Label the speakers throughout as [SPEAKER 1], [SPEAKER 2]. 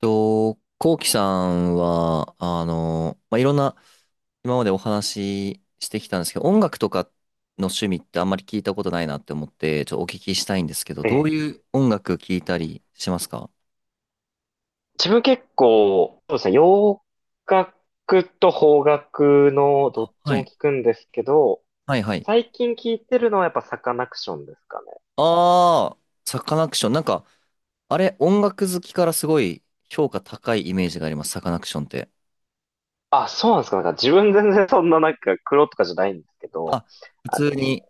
[SPEAKER 1] と、こうきさんは、まあ、いろんな、今までお話ししてきたんですけど、音楽とかの趣味ってあんまり聞いたことないなって思って、ちょっとお聞きしたいんですけど、
[SPEAKER 2] え
[SPEAKER 1] どう
[SPEAKER 2] え、
[SPEAKER 1] いう音楽聞いたりしますか？
[SPEAKER 2] 自分結構、そうですね、洋楽と邦楽のどっち
[SPEAKER 1] は
[SPEAKER 2] も
[SPEAKER 1] い。
[SPEAKER 2] 聞くんですけど、
[SPEAKER 1] はいはい。
[SPEAKER 2] 最近聞いてるのはやっぱサカナクションですかね。
[SPEAKER 1] ああ、サカナクション。なんか、あれ、音楽好きからすごい評価高いイメージがあります、サカナクションって。
[SPEAKER 2] あ、そうなんですか。なんか自分全然そんななんか黒とかじゃないんですけど、
[SPEAKER 1] あ、普
[SPEAKER 2] あの、
[SPEAKER 1] 通に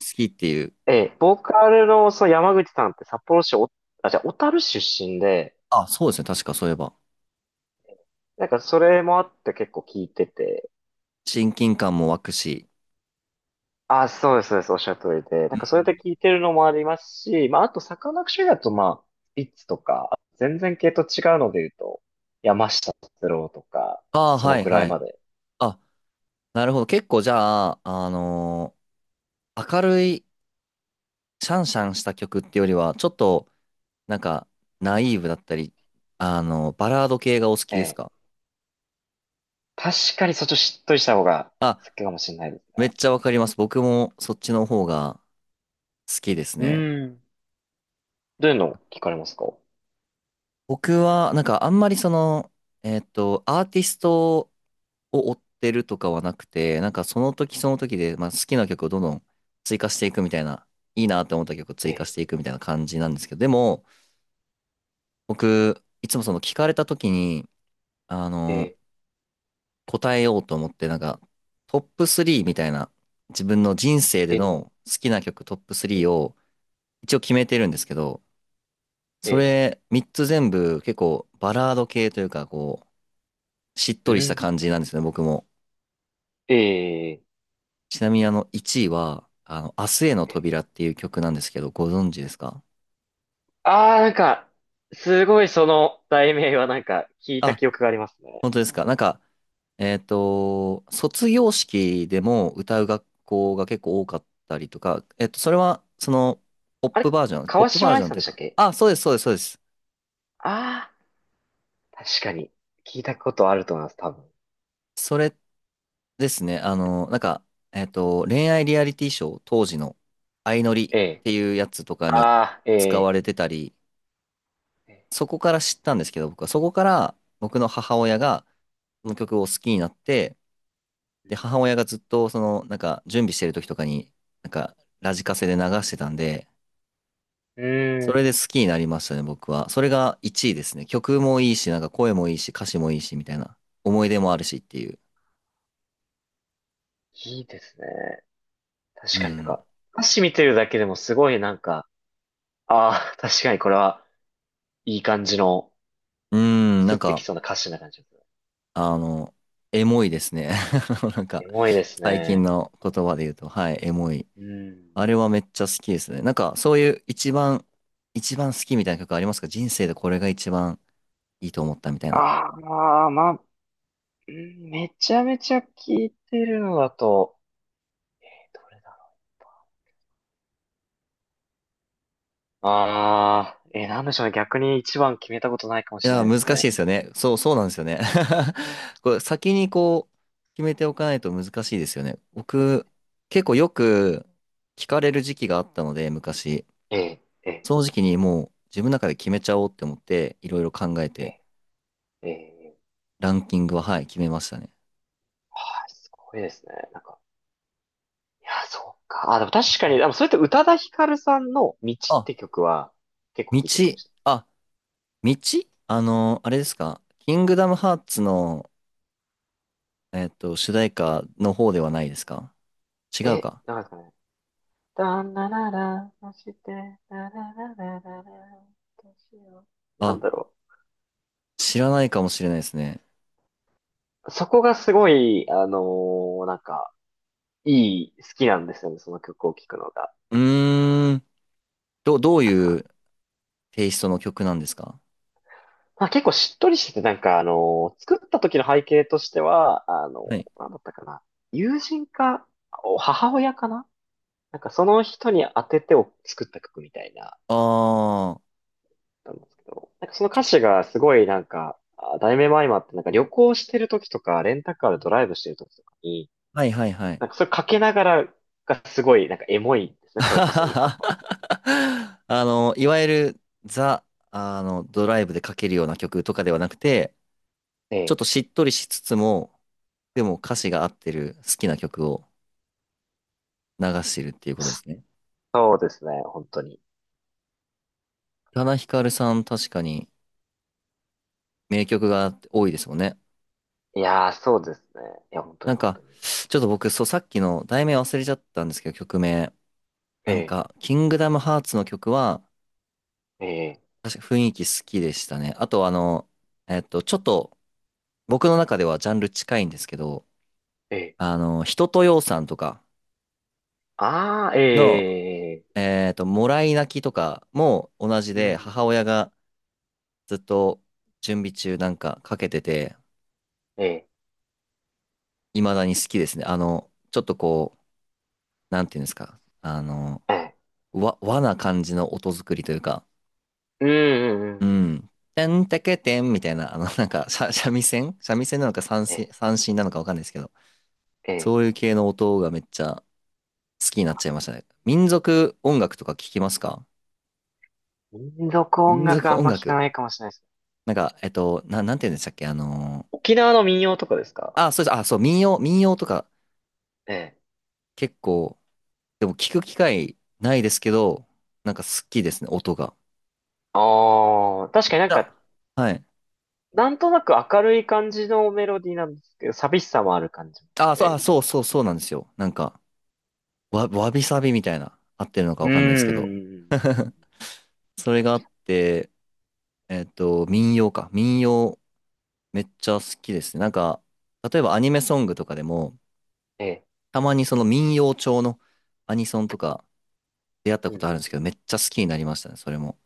[SPEAKER 1] 好きっていう。
[SPEAKER 2] ええ、ボーカルのその山口さんって札幌市お、あ、じゃあ小樽出身で、
[SPEAKER 1] あ、そうですね、確かそういえば。
[SPEAKER 2] なんかそれもあって結構聞いてて、
[SPEAKER 1] 親近感も湧くし。
[SPEAKER 2] あ、そうです、そうです。おっしゃる通りで。な
[SPEAKER 1] う
[SPEAKER 2] ん
[SPEAKER 1] んう
[SPEAKER 2] かそうやって
[SPEAKER 1] ん。
[SPEAKER 2] 聞いてるのもありますし、まあ、あと、サカナクションだと、まあ、ビッツとか、全然系と違うので言うと、山下達郎とか、
[SPEAKER 1] ああ、
[SPEAKER 2] その
[SPEAKER 1] はい
[SPEAKER 2] ぐら
[SPEAKER 1] は
[SPEAKER 2] い
[SPEAKER 1] い。
[SPEAKER 2] まで。
[SPEAKER 1] あ、なるほど。結構じゃあ、明るいシャンシャンした曲ってよりは、ちょっと、なんか、ナイーブだったり、バラード系がお好き
[SPEAKER 2] え
[SPEAKER 1] です
[SPEAKER 2] え。
[SPEAKER 1] か？
[SPEAKER 2] 確かにそっちをしっとりした方が
[SPEAKER 1] あ、
[SPEAKER 2] 好きかもしれないです
[SPEAKER 1] めっ
[SPEAKER 2] ね。
[SPEAKER 1] ちゃわかります。僕もそっちの方が好きです
[SPEAKER 2] う
[SPEAKER 1] ね。
[SPEAKER 2] ーん。どういうの聞かれますか？
[SPEAKER 1] 僕は、なんかあんまりその、アーティストを追ってるとかはなくて、なんかその時その時で、まあ、好きな曲をどんどん追加していくみたいな、いいなって思った曲を
[SPEAKER 2] え
[SPEAKER 1] 追加してい
[SPEAKER 2] え、
[SPEAKER 1] くみたいな感じなんですけど、でも、僕、いつもその聞かれた時に、あ
[SPEAKER 2] え
[SPEAKER 1] の、
[SPEAKER 2] え、
[SPEAKER 1] 答えようと思って、なんか、トップ3みたいな、自分の人生で
[SPEAKER 2] え
[SPEAKER 1] の好きな曲トップ
[SPEAKER 2] え、
[SPEAKER 1] 3を一応決めてるんですけど、
[SPEAKER 2] え
[SPEAKER 1] そ
[SPEAKER 2] え、
[SPEAKER 1] れ3つ全部結構バラード系というか、こう、しっ
[SPEAKER 2] う
[SPEAKER 1] とりした
[SPEAKER 2] ん。
[SPEAKER 1] 感じなんですね、僕も。
[SPEAKER 2] ええ、
[SPEAKER 1] ちなみにあの1位は、あの、明日への
[SPEAKER 2] ええ。
[SPEAKER 1] 扉っていう曲なんですけど、ご存知ですか？
[SPEAKER 2] ああ、なんか、すごいその題名はなんか聞いた
[SPEAKER 1] あ、
[SPEAKER 2] 記憶がありますね。
[SPEAKER 1] 本当ですか？なんか、卒業式でも歌う学校が結構多かったりとか、それは、その、ポッ
[SPEAKER 2] あ
[SPEAKER 1] プ
[SPEAKER 2] れ、
[SPEAKER 1] バージョン、ポッ
[SPEAKER 2] 川
[SPEAKER 1] プバ
[SPEAKER 2] 島
[SPEAKER 1] ージ
[SPEAKER 2] 愛
[SPEAKER 1] ョン
[SPEAKER 2] さん
[SPEAKER 1] とい
[SPEAKER 2] で
[SPEAKER 1] う
[SPEAKER 2] したっ
[SPEAKER 1] か、
[SPEAKER 2] け？
[SPEAKER 1] あ、そうです、そうです、そうです。
[SPEAKER 2] ああ、確かに。聞いたことあると思います、多分。
[SPEAKER 1] それですね、なんか、恋愛リアリティショー、当時の、相乗り
[SPEAKER 2] え
[SPEAKER 1] っ
[SPEAKER 2] え。
[SPEAKER 1] ていうやつとかに
[SPEAKER 2] ああ、え
[SPEAKER 1] 使わ
[SPEAKER 2] え。
[SPEAKER 1] れてたり、
[SPEAKER 2] え
[SPEAKER 1] そこから知ったんですけど、僕は、そこから、僕の母親が、この曲を好きになって、で、母親がずっと、その、なんか、準備してる時とかに、なんか、ラジカセで流してたんで、
[SPEAKER 2] えう
[SPEAKER 1] それ
[SPEAKER 2] ーん。
[SPEAKER 1] で好きになりましたね、僕は。それが1位ですね。曲もいいし、なんか声もいいし、歌詞もいいし、みたいな。思い出もあるしっていう。
[SPEAKER 2] いいですね。
[SPEAKER 1] う
[SPEAKER 2] 確かになんか、
[SPEAKER 1] ん。
[SPEAKER 2] 歌詞見てるだけでもすごいなんか、ああ、確かにこれはいい感じの、
[SPEAKER 1] うん、
[SPEAKER 2] ス
[SPEAKER 1] な
[SPEAKER 2] ッ
[SPEAKER 1] ん
[SPEAKER 2] てき
[SPEAKER 1] か、
[SPEAKER 2] そうな歌詞な感じですね。
[SPEAKER 1] あの、エモいですね。なんか、
[SPEAKER 2] エモいです
[SPEAKER 1] 最近
[SPEAKER 2] ね。
[SPEAKER 1] の言葉で言うと、はい、エモい。
[SPEAKER 2] うん。
[SPEAKER 1] あれはめっちゃ好きですね。なんか、そういう一番、一番好きみたいな曲ありますか？人生でこれが一番いいと思ったみたいな。
[SPEAKER 2] ああ、まあ、うんめちゃめちゃ聞いてるのだと、ええ、どれだろう。ああ、ええ、なんでしょうね。逆に一番決めたことないかも
[SPEAKER 1] い
[SPEAKER 2] しれな
[SPEAKER 1] や、
[SPEAKER 2] いで
[SPEAKER 1] 難
[SPEAKER 2] す
[SPEAKER 1] し
[SPEAKER 2] ね。
[SPEAKER 1] いですよね。そう、そうなんですよね。これ先にこう、決めておかないと難しいですよね。僕、結構よく聞かれる時期があったので、昔。
[SPEAKER 2] ええ、ええ。
[SPEAKER 1] その時期にもう自分の中で決めちゃおうって思って、いろいろ考え
[SPEAKER 2] え
[SPEAKER 1] て、
[SPEAKER 2] えええ
[SPEAKER 1] ランキングは、はい、決めましたね。
[SPEAKER 2] はい、すごいですね。なんか、いや、そうか。あ、でも確かに、でもそれって宇多田ヒカルさんの道っ
[SPEAKER 1] あ、
[SPEAKER 2] て曲は結構
[SPEAKER 1] 道、
[SPEAKER 2] 聴いてるかもし
[SPEAKER 1] あ、道、あれですか？キングダムハーツの、主題歌の方ではないですか？違
[SPEAKER 2] れない。
[SPEAKER 1] う
[SPEAKER 2] え、
[SPEAKER 1] か。
[SPEAKER 2] なんですかね、だんだらら、そして、だららららら、どうしよう。なん
[SPEAKER 1] あ、
[SPEAKER 2] だろ
[SPEAKER 1] 知らないかもしれないですね。
[SPEAKER 2] う。そこがすごい、なんか、いい、好きなんですよね、その曲を聴くのが。
[SPEAKER 1] うーん。ど、どう
[SPEAKER 2] なん
[SPEAKER 1] い
[SPEAKER 2] か、
[SPEAKER 1] うテイストの曲なんですか？
[SPEAKER 2] まあ、結構しっとりしてて、なんか、作った時の背景としては、
[SPEAKER 1] はい。
[SPEAKER 2] なんだったかな。友人か、お母親かな、なんかその人に当ててを作った曲みたいな、
[SPEAKER 1] ああ、は
[SPEAKER 2] なんですけど、なんかその歌詞がすごいなんか、あ題名も相まって、なんか旅行してる時とか、レンタカーでドライブしてる時とかに、
[SPEAKER 1] いはいはい。
[SPEAKER 2] なんかそれかけながらがすごい、なんかエモいですね、それこそ今の。
[SPEAKER 1] いわゆるザ、あの、ドライブでかけるような曲とかではなくて、
[SPEAKER 2] え
[SPEAKER 1] ちょっ
[SPEAKER 2] え。
[SPEAKER 1] としっとりしつつも、でも歌詞が合ってる好きな曲を流してるっていうことですね。
[SPEAKER 2] そうですね、本当に。
[SPEAKER 1] 宇多田ヒカルさん確かに名曲が多いですもんね。
[SPEAKER 2] いやー、そうですね。いや、本当
[SPEAKER 1] な
[SPEAKER 2] に
[SPEAKER 1] ん
[SPEAKER 2] 本
[SPEAKER 1] か、
[SPEAKER 2] 当に。
[SPEAKER 1] ちょっと僕、そう、さっきの題名忘れちゃったんですけど、曲名。なん
[SPEAKER 2] え
[SPEAKER 1] か、キングダムハーツの曲は、
[SPEAKER 2] え、ええ、
[SPEAKER 1] 確か雰囲気好きでしたね。あとあの、ちょっと僕の中ではジャンル近いんですけど、
[SPEAKER 2] ええ。
[SPEAKER 1] あの、人とようさんとか
[SPEAKER 2] ああ、
[SPEAKER 1] の、
[SPEAKER 2] ええ、
[SPEAKER 1] もらい泣きとかも同じ
[SPEAKER 2] う
[SPEAKER 1] で、母
[SPEAKER 2] ん、
[SPEAKER 1] 親がずっと準備中なんかかけてて、
[SPEAKER 2] ええ、
[SPEAKER 1] 未だに好きですね。あの、ちょっとこう、なんていうんですか、あの、
[SPEAKER 2] ええ、
[SPEAKER 1] 和な感じの音作りというか、
[SPEAKER 2] うん、うん、
[SPEAKER 1] う
[SPEAKER 2] うん。
[SPEAKER 1] ん。てんてけてんみたいな、あの、なんか、三味線なのか三
[SPEAKER 2] え
[SPEAKER 1] 線、
[SPEAKER 2] え、
[SPEAKER 1] 三線なのかわかんないですけど、
[SPEAKER 2] ええ。
[SPEAKER 1] そういう系の音がめっちゃ好きになっちゃいましたね。民族音楽とか聞きますか？
[SPEAKER 2] 民族音
[SPEAKER 1] 民族
[SPEAKER 2] 楽あん
[SPEAKER 1] 音
[SPEAKER 2] ま聞か
[SPEAKER 1] 楽。
[SPEAKER 2] ないかもしれないですね。
[SPEAKER 1] なんか、なんて言うんでしたっけ？
[SPEAKER 2] 沖縄の民謡とかですか？
[SPEAKER 1] あ、そうです。あ、そう、民謡とか
[SPEAKER 2] ええ。
[SPEAKER 1] 結構、でも聞く機会ないですけど、なんか好きですね、音が。
[SPEAKER 2] ああ、確か
[SPEAKER 1] め
[SPEAKER 2] に
[SPEAKER 1] っ
[SPEAKER 2] な
[SPEAKER 1] ち
[SPEAKER 2] んか、
[SPEAKER 1] ゃ、はい。
[SPEAKER 2] なんとなく明るい感じのメロディーなんですけど、寂しさもある感じもし
[SPEAKER 1] あ、そう、
[SPEAKER 2] て、み
[SPEAKER 1] あ、
[SPEAKER 2] た
[SPEAKER 1] そ
[SPEAKER 2] い
[SPEAKER 1] う
[SPEAKER 2] な。
[SPEAKER 1] そう、そうなんですよ。なんか、わびさびみたいな、合ってるのか
[SPEAKER 2] う
[SPEAKER 1] わ
[SPEAKER 2] ー
[SPEAKER 1] かんないですけど、
[SPEAKER 2] ん。
[SPEAKER 1] それがあって、民謡か。民謡、めっちゃ好きですね。なんか、例えばアニメソングとかでも、
[SPEAKER 2] ええ。
[SPEAKER 1] たまにその民謡調のアニソンとか出会った
[SPEAKER 2] うん
[SPEAKER 1] こ
[SPEAKER 2] うん
[SPEAKER 1] とあるんです
[SPEAKER 2] う
[SPEAKER 1] けど、め
[SPEAKER 2] ん、
[SPEAKER 1] っちゃ好きになりましたね、それも。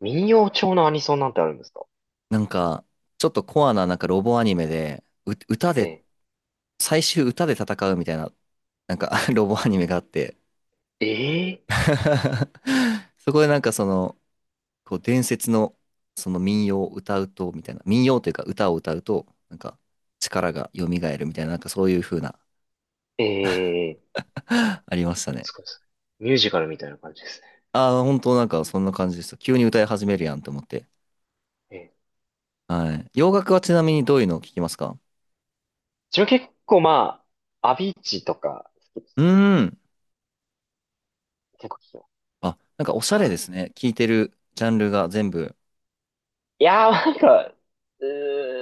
[SPEAKER 2] 民謡調のアニソンなんてあるんですか？
[SPEAKER 1] なんか、ちょっとコアななんかロボアニメで、歌
[SPEAKER 2] え
[SPEAKER 1] で、
[SPEAKER 2] え。
[SPEAKER 1] 最終歌で戦うみたいな、なんか ロボアニメがあって
[SPEAKER 2] ええ。
[SPEAKER 1] そこでなんかその、こう伝説のその民謡を歌うと、みたいな、民謡というか歌を歌うと、なんか力が蘇るみたいな、なんかそういう風な
[SPEAKER 2] ええ。
[SPEAKER 1] ありましたね。
[SPEAKER 2] すごいですね。ミュージカルみたいな感じですね。
[SPEAKER 1] ああ、本当なんかそんな感じでした。急に歌い始めるやんと思って。
[SPEAKER 2] ええ。
[SPEAKER 1] はい。洋楽はちなみにどういうのを聞きますか？
[SPEAKER 2] 自分結構まあ、アビーチとか好きです、
[SPEAKER 1] うーん。
[SPEAKER 2] 結構聞きます。
[SPEAKER 1] あ、なんかおしゃ
[SPEAKER 2] ま
[SPEAKER 1] れで
[SPEAKER 2] あ
[SPEAKER 1] すね。聞いてるジャンルが全部。
[SPEAKER 2] いやー、なんか、う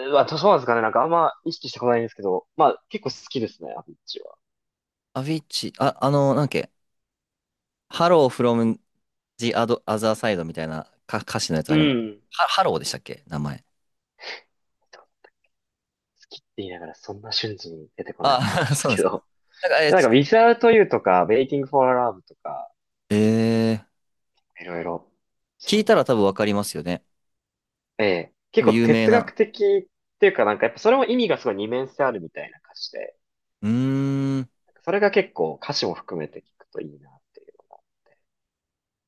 [SPEAKER 2] ーん、まあ、そうなんですかね。なんかあんま意識してことないんですけど、まあ、結構好きですね、アビッチは。
[SPEAKER 1] アビッチ、あ、なんだっけ、ハローフロム the other side みたいなか歌詞のやつ
[SPEAKER 2] う
[SPEAKER 1] あります。
[SPEAKER 2] ん。好
[SPEAKER 1] ハローでしたっけ名前？
[SPEAKER 2] きって言いながらそんな瞬時に出てこないのかななん
[SPEAKER 1] あ、
[SPEAKER 2] です
[SPEAKER 1] そうなん
[SPEAKER 2] け
[SPEAKER 1] ですか。
[SPEAKER 2] ど。
[SPEAKER 1] なんか、えー、
[SPEAKER 2] なん
[SPEAKER 1] ち
[SPEAKER 2] か、Without You とか、Waiting for Love とか、
[SPEAKER 1] えー、
[SPEAKER 2] いろいろ、
[SPEAKER 1] 聞
[SPEAKER 2] そ
[SPEAKER 1] い
[SPEAKER 2] うで
[SPEAKER 1] た
[SPEAKER 2] す。
[SPEAKER 1] ら多分わかりますよね。
[SPEAKER 2] ええ。
[SPEAKER 1] 多
[SPEAKER 2] 結
[SPEAKER 1] 分
[SPEAKER 2] 構
[SPEAKER 1] 有名
[SPEAKER 2] 哲学
[SPEAKER 1] な。
[SPEAKER 2] 的っていうか、なんかやっぱそれも意味がすごい二面性あるみたいな歌詞で、
[SPEAKER 1] うーん。
[SPEAKER 2] なんかそれが結構歌詞も含めて聞くといいなっていう。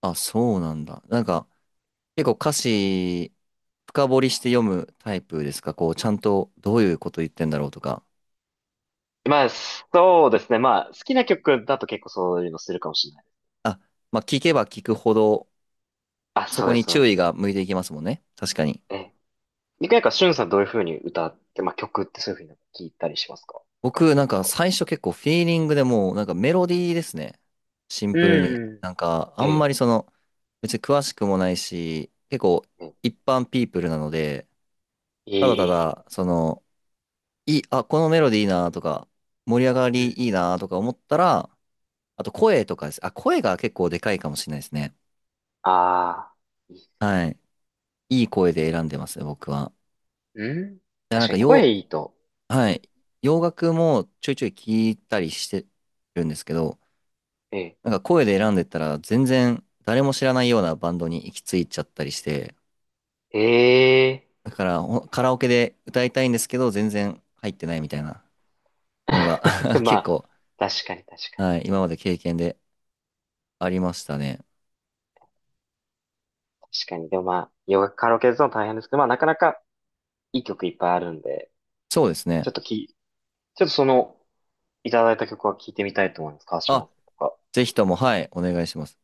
[SPEAKER 1] あ、そうなんだ。なんか、結構歌詞、深掘りして読むタイプですか？こう、ちゃんとどういうこと言ってんだろうとか。
[SPEAKER 2] まあ、そうですね。まあ、好きな曲だと結構そういうのするかもしれない。
[SPEAKER 1] あ、まあ、聞けば聞くほど、
[SPEAKER 2] あ、
[SPEAKER 1] そ
[SPEAKER 2] そう
[SPEAKER 1] こ
[SPEAKER 2] です、
[SPEAKER 1] に
[SPEAKER 2] そうで
[SPEAKER 1] 注意
[SPEAKER 2] す。
[SPEAKER 1] が向いていきますもんね。確かに。
[SPEAKER 2] ええ。でなんか、しゅんさんどういうふうに歌って、まあ、曲ってそういうふうに聞いたりしますか？深
[SPEAKER 1] 僕、
[SPEAKER 2] 掘
[SPEAKER 1] な
[SPEAKER 2] り
[SPEAKER 1] ん
[SPEAKER 2] と
[SPEAKER 1] か
[SPEAKER 2] か。
[SPEAKER 1] 最初結構フィーリングでもう、なんかメロディーですね。シンプル
[SPEAKER 2] う
[SPEAKER 1] に。
[SPEAKER 2] ん。
[SPEAKER 1] なんか、あ
[SPEAKER 2] え
[SPEAKER 1] んま
[SPEAKER 2] え。
[SPEAKER 1] りその、別に詳しくもないし、結構
[SPEAKER 2] ええ。
[SPEAKER 1] 一般ピープルなので、ただ
[SPEAKER 2] い
[SPEAKER 1] た
[SPEAKER 2] い。
[SPEAKER 1] だ、その、いい、あ、このメロディーいいなとか、盛り上が
[SPEAKER 2] うん。
[SPEAKER 1] りいいなとか思ったら、あと声とかです。あ、声が結構でかいかもしれないですね。
[SPEAKER 2] ああ、いい。
[SPEAKER 1] はい。いい声で選んでますね、僕は。
[SPEAKER 2] うん。
[SPEAKER 1] いや、な
[SPEAKER 2] 確
[SPEAKER 1] ん
[SPEAKER 2] か
[SPEAKER 1] か
[SPEAKER 2] に
[SPEAKER 1] よ、
[SPEAKER 2] 声いいと。う
[SPEAKER 1] は
[SPEAKER 2] ん。
[SPEAKER 1] い。洋楽もちょいちょい聞いたりしてるんですけど、
[SPEAKER 2] ええ。
[SPEAKER 1] なんか声で選んでったら全然誰も知らないようなバンドに行き着いちゃったりして、
[SPEAKER 2] え
[SPEAKER 1] だからカラオケで歌いたいんですけど全然入ってないみたいなのが
[SPEAKER 2] え。ま
[SPEAKER 1] 結
[SPEAKER 2] あ、
[SPEAKER 1] 構、
[SPEAKER 2] 確かに確か
[SPEAKER 1] はい、
[SPEAKER 2] に。
[SPEAKER 1] 今まで経験でありましたね。
[SPEAKER 2] 確かに。でもまあ、よガカラオケですの大変ですけど、まあ、なかなかいい曲いっぱいあるんで、
[SPEAKER 1] そうです
[SPEAKER 2] ちょ
[SPEAKER 1] ね。
[SPEAKER 2] っとき、ちょっとその、いただいた曲は聴いてみたいと思います。川島
[SPEAKER 1] あ、
[SPEAKER 2] さんとか。
[SPEAKER 1] ぜひとも、はい、お願いします。